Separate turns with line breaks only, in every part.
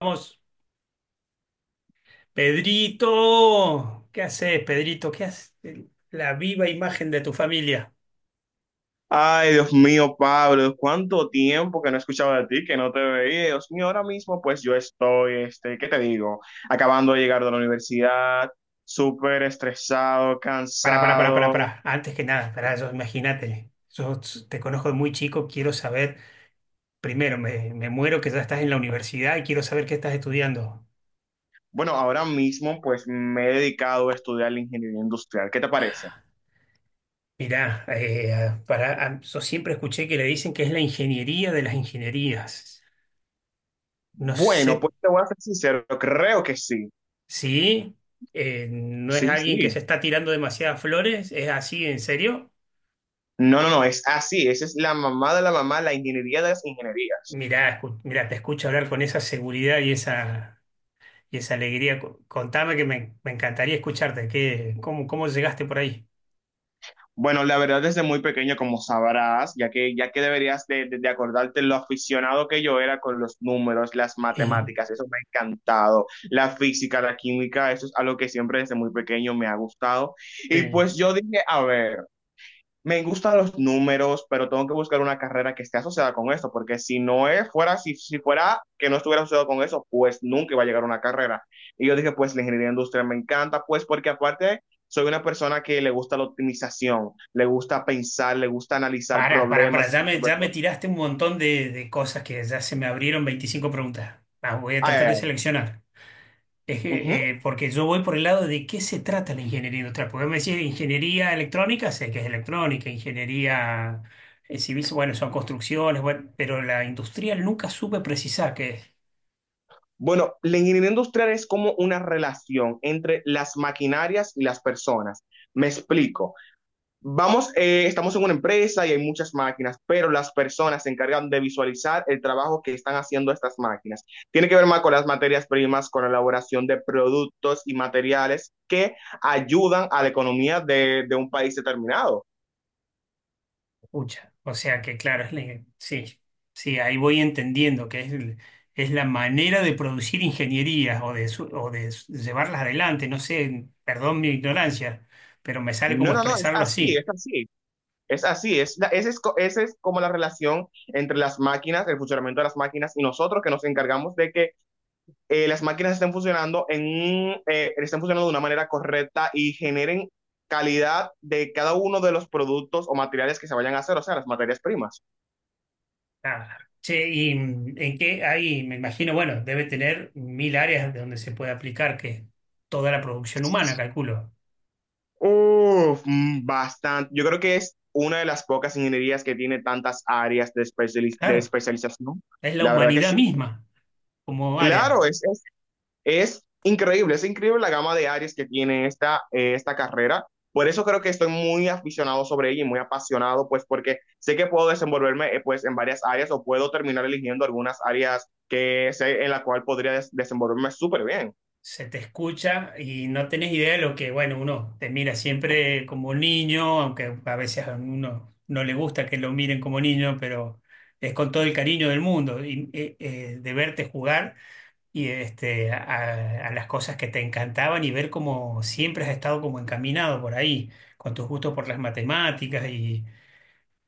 Vamos, Pedrito, ¿qué haces, Pedrito? ¿Qué haces? La viva imagen de tu familia.
Ay, Dios mío, Pablo, cuánto tiempo que no escuchaba de ti, que no te veía. Dios mío, ahora mismo pues yo estoy, ¿qué te digo? Acabando de llegar de la universidad, súper estresado,
Para,
cansado.
para. Antes que nada, para yo, imagínate. Yo te conozco de muy chico, quiero saber. Primero, me muero que ya estás en la universidad y quiero saber qué estás estudiando.
Bueno, ahora mismo pues me he dedicado a estudiar la ingeniería industrial. ¿Qué te parece?
Mirá, para, yo siempre escuché que le dicen que es la ingeniería de las ingenierías. No sé
Bueno, pues te voy a ser sincero, creo que sí.
si no
Sí,
es alguien que
sí.
se está tirando demasiadas flores, ¿es así, en serio?
No, no, no, es así, esa es la mamá de la mamá, la ingeniería de las ingenierías.
Mirá, mirá, te escucho hablar con esa seguridad y esa alegría. Contame que me encantaría escucharte. ¿Qué, cómo llegaste por ahí?
Bueno, la verdad desde muy pequeño, como sabrás, ya que deberías de acordarte lo aficionado que yo era con los números, las matemáticas, eso me ha encantado, la física, la química, eso es algo que siempre desde muy pequeño me ha gustado. Y pues yo dije, a ver, me gustan los números, pero tengo que buscar una carrera que esté asociada con eso, porque si no es, fuera, si fuera que no estuviera asociado con eso, pues nunca iba a llegar a una carrera. Y yo dije, pues la ingeniería industrial me encanta, pues porque aparte soy una persona que le gusta la optimización, le gusta pensar, le gusta analizar
Para,
problemas y
ya me,
resolver
ya me
problemas.
tiraste un montón de cosas que ya se me abrieron 25 preguntas. Las voy a
Ay,
tratar
ay,
de
ay.
seleccionar. Es
Ujú.
que, porque yo voy por el lado de qué se trata la ingeniería industrial. Porque me decís ingeniería electrónica, sé que es electrónica, ingeniería civil, bueno, son construcciones, bueno, pero la industrial nunca supe precisar qué es.
Bueno, la ingeniería industrial es como una relación entre las maquinarias y las personas. Me explico. Vamos, estamos en una empresa y hay muchas máquinas, pero las personas se encargan de visualizar el trabajo que están haciendo estas máquinas. Tiene que ver más con las materias primas, con la elaboración de productos y materiales que ayudan a la economía de un país determinado.
Pucha, o sea que claro, sí, sí, ahí voy entendiendo que es la manera de producir ingenierías o de, su- o de s- llevarlas adelante, no sé, perdón mi ignorancia, pero me sale como
No, no, no, es
expresarlo
así,
así.
es así, es así, es, esa es, esa es como la relación entre las máquinas, el funcionamiento de las máquinas y nosotros que nos encargamos de que las máquinas estén funcionando, estén funcionando de una manera correcta y generen calidad de cada uno de los productos o materiales que se vayan a hacer, o sea, las materias primas.
Ah, che, y en qué hay, me imagino, bueno, debe tener mil áreas de donde se puede aplicar que es toda la producción humana, calculo.
Uf, bastante. Yo creo que es una de las pocas ingenierías que tiene tantas áreas de, de
Claro,
especialización.
es la
La verdad que
humanidad
sí.
misma como área.
Claro, es increíble, es increíble la gama de áreas que tiene esta carrera. Por eso creo que estoy muy aficionado sobre ella y muy apasionado, pues porque sé que puedo desenvolverme, pues en varias áreas o puedo terminar eligiendo algunas áreas que sé en la cual podría desenvolverme súper bien.
Se te escucha y no tenés idea de lo que, bueno, uno te mira siempre como un niño, aunque a veces a uno no le gusta que lo miren como niño, pero es con todo el cariño del mundo y, de verte jugar y a las cosas que te encantaban y ver cómo siempre has estado como encaminado por ahí, con tus gustos por las matemáticas y,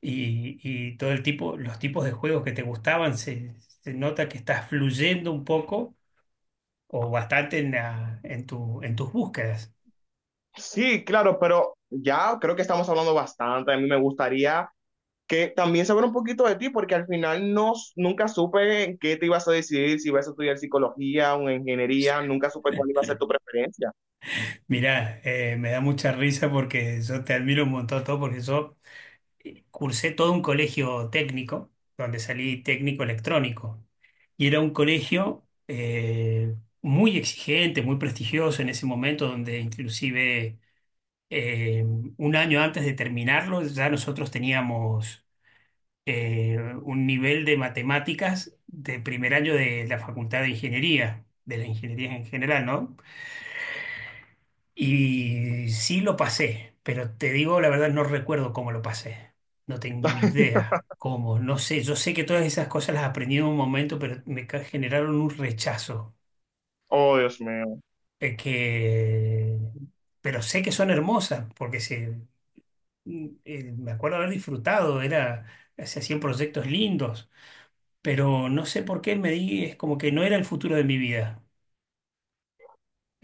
y todo los tipos de juegos que te gustaban, se nota que estás fluyendo un poco o bastante en tus búsquedas.
Sí, claro, pero ya creo que estamos hablando bastante. A mí me gustaría que también saber un poquito de ti, porque al final no, nunca supe en qué te ibas a decidir, si ibas a estudiar psicología o ingeniería, nunca supe cuál iba a ser tu preferencia.
Mirá, me da mucha risa porque yo te admiro un montón todo, porque yo cursé todo un colegio técnico, donde salí técnico electrónico, y era un colegio muy exigente, muy prestigioso en ese momento, donde inclusive eh, un año antes de terminarlo ya nosotros teníamos un nivel de matemáticas de primer año de la Facultad de Ingeniería, de la ingeniería en general, ¿no? Y sí lo pasé, pero te digo la verdad, no recuerdo cómo lo pasé. No tengo idea cómo, no sé. Yo sé que todas esas cosas las aprendí en un momento, pero generaron un rechazo.
Oh, Dios mío.
eh, que... Pero sé que son hermosas, me acuerdo haber disfrutado, se hacían proyectos lindos. Pero no sé por qué es como que no era el futuro de mi vida.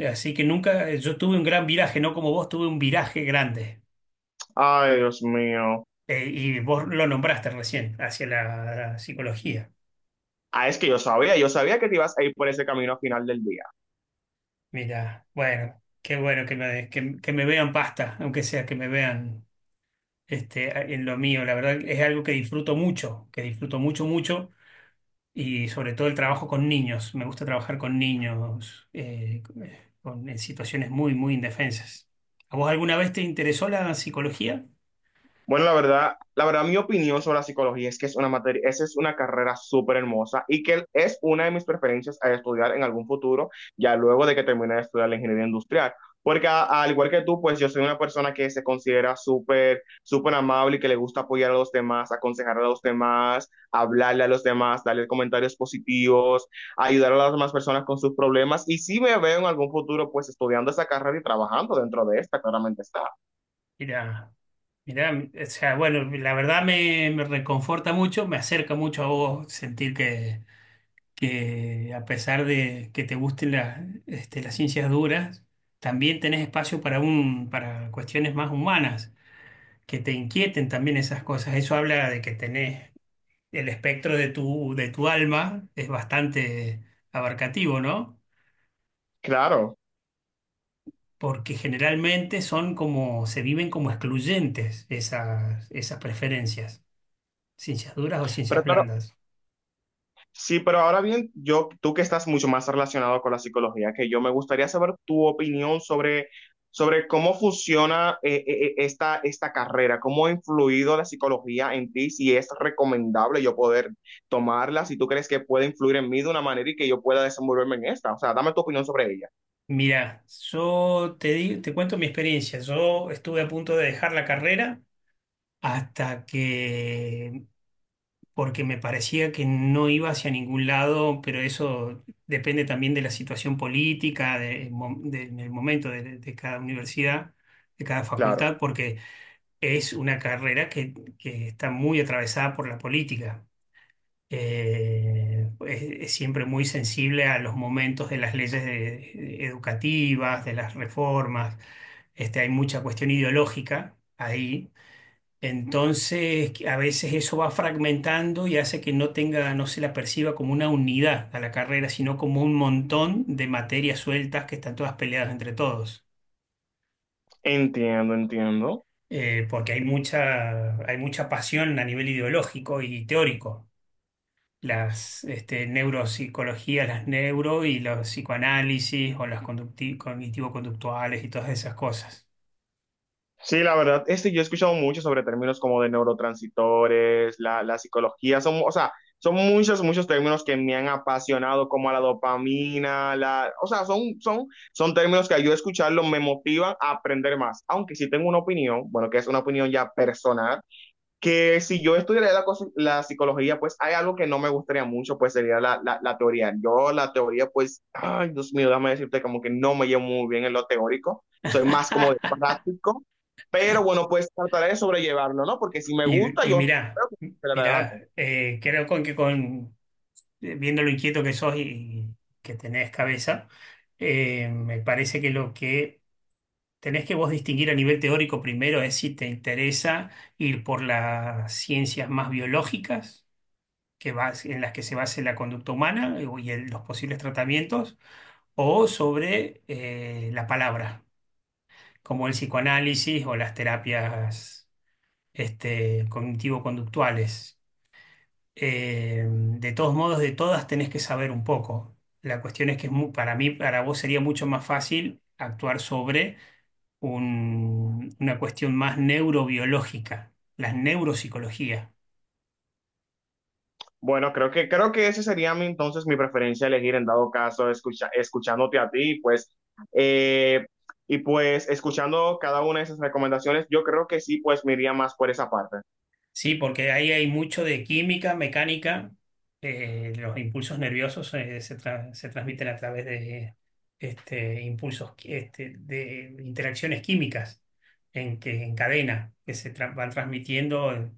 Así que nunca, yo tuve un gran viraje, no como vos, tuve un viraje grande.
Ay, Dios mío.
Y vos lo nombraste recién, hacia la psicología.
Ah, es que yo sabía que te ibas a ir por ese camino al final del día.
Mira, bueno, qué bueno que que me vean pasta, aunque sea que me vean en lo mío. La verdad es algo que disfruto mucho, mucho. Y sobre todo el trabajo con niños. Me gusta trabajar con niños en situaciones muy, muy indefensas. ¿A vos alguna vez te interesó la psicología?
Bueno, la verdad, mi opinión sobre la psicología es que es una materia, esa es una carrera súper hermosa y que es una de mis preferencias a estudiar en algún futuro, ya luego de que termine de estudiar la ingeniería industrial. Porque al igual que tú, pues yo soy una persona que se considera súper, súper amable y que le gusta apoyar a los demás, aconsejar a los demás, hablarle a los demás, darle comentarios positivos, ayudar a las demás personas con sus problemas. Y si me veo en algún futuro, pues estudiando esa carrera y trabajando dentro de esta, claramente está.
Mira, mira, o sea, bueno, la verdad me reconforta mucho, me acerca mucho a vos sentir que a pesar de que te gusten las ciencias duras, también tenés espacio para para cuestiones más humanas, que te inquieten también esas cosas. Eso habla de que tenés el espectro de tu alma es bastante abarcativo, ¿no?
Claro.
Porque generalmente son como, se viven como excluyentes esas preferencias, ciencias duras o
Pero
ciencias
claro,
blandas.
sí, pero ahora bien, yo, tú que estás mucho más relacionado con la psicología que yo, me gustaría saber tu opinión sobre, sobre cómo funciona esta carrera, cómo ha influido la psicología en ti, si es recomendable yo poder tomarla, si tú crees que puede influir en mí de una manera y que yo pueda desenvolverme en esta. O sea, dame tu opinión sobre ella.
Mira, yo te cuento mi experiencia. Yo estuve a punto de dejar la carrera hasta que porque me parecía que no iba hacia ningún lado, pero eso depende también de la situación política, del momento de cada universidad, de cada
Claro.
facultad, porque es una carrera que está muy atravesada por la política. Es siempre muy sensible a los momentos de las leyes educativas, de las reformas. Este, hay mucha cuestión ideológica ahí entonces, que a veces eso va fragmentando y hace que no tenga, no se la perciba como una unidad a la carrera, sino como un montón de materias sueltas que están todas peleadas entre todos.
Entiendo, entiendo.
Porque hay mucha, pasión a nivel ideológico y teórico. Las neuropsicologías, las neuro y los psicoanálisis o las cognitivo-conductuales y todas esas cosas.
Sí, la verdad, yo he escuchado mucho sobre términos como de neurotransmisores, la psicología, son, o sea, son muchos, muchos términos que me han apasionado, como la dopamina, la, o sea, son, son, son términos que al yo escucharlo me motivan a aprender más, aunque sí tengo una opinión, bueno, que es una opinión ya personal, que si yo estudiara la psicología, pues hay algo que no me gustaría mucho, pues sería la teoría. Yo la teoría, pues, ay, Dios mío, déjame decirte como que no me llevo muy bien en lo teórico, soy más como de práctico, pero bueno, pues trataré de sobrellevarlo, ¿no? Porque si me gusta,
Y
yo
mirá,
creo que voy a hacer adelante.
mirá, creo viendo lo inquieto que sos y que tenés cabeza, me parece que lo que tenés que vos distinguir a nivel teórico primero es si te interesa ir por las ciencias más biológicas, que en las que se base la conducta humana y los posibles tratamientos, o sobre la palabra, como el psicoanálisis o las terapias cognitivo-conductuales. De todos modos, de todas tenés que saber un poco. La cuestión es que para mí, para vos sería mucho más fácil actuar sobre una cuestión más neurobiológica, las neuropsicologías.
Bueno, creo que ese sería mi, entonces mi preferencia elegir en dado caso, escucha, escuchándote a ti, pues, eh, y pues escuchando cada una de esas recomendaciones, yo creo que sí, pues me iría más por esa parte.
Sí, porque ahí hay mucho de química, mecánica, los impulsos nerviosos se transmiten a través de este, impulsos, qui- este, de interacciones químicas en cadena que van transmitiendo.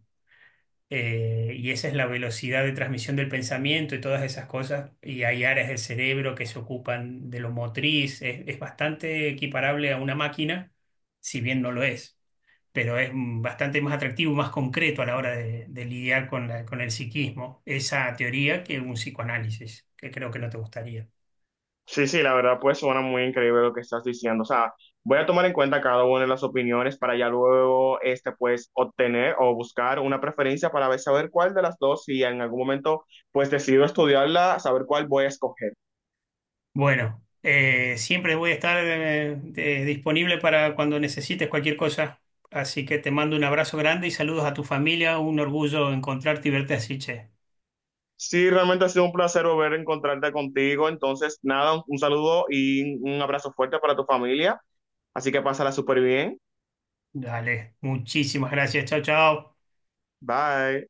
Y esa es la velocidad de transmisión del pensamiento y todas esas cosas, y hay áreas del cerebro que se ocupan de lo motriz, es bastante equiparable a una máquina, si bien no lo es, pero es bastante más atractivo, más concreto a la hora de lidiar con con el psiquismo, esa teoría que un psicoanálisis, que creo que no te gustaría.
Sí, sí, la verdad pues suena muy increíble lo que estás diciendo. O sea, voy a tomar en cuenta cada una de las opiniones para ya luego este pues obtener o buscar una preferencia para saber cuál de las dos, si en algún momento pues decido estudiarla, saber cuál voy a escoger.
Bueno, siempre voy a estar disponible para cuando necesites cualquier cosa. Así que te mando un abrazo grande y saludos a tu familia. Un orgullo encontrarte y verte así, che.
Sí, realmente ha sido un placer volver a encontrarte contigo. Entonces, nada, un saludo y un abrazo fuerte para tu familia. Así que pásala súper bien.
Dale, muchísimas gracias. Chao, chao.
Bye.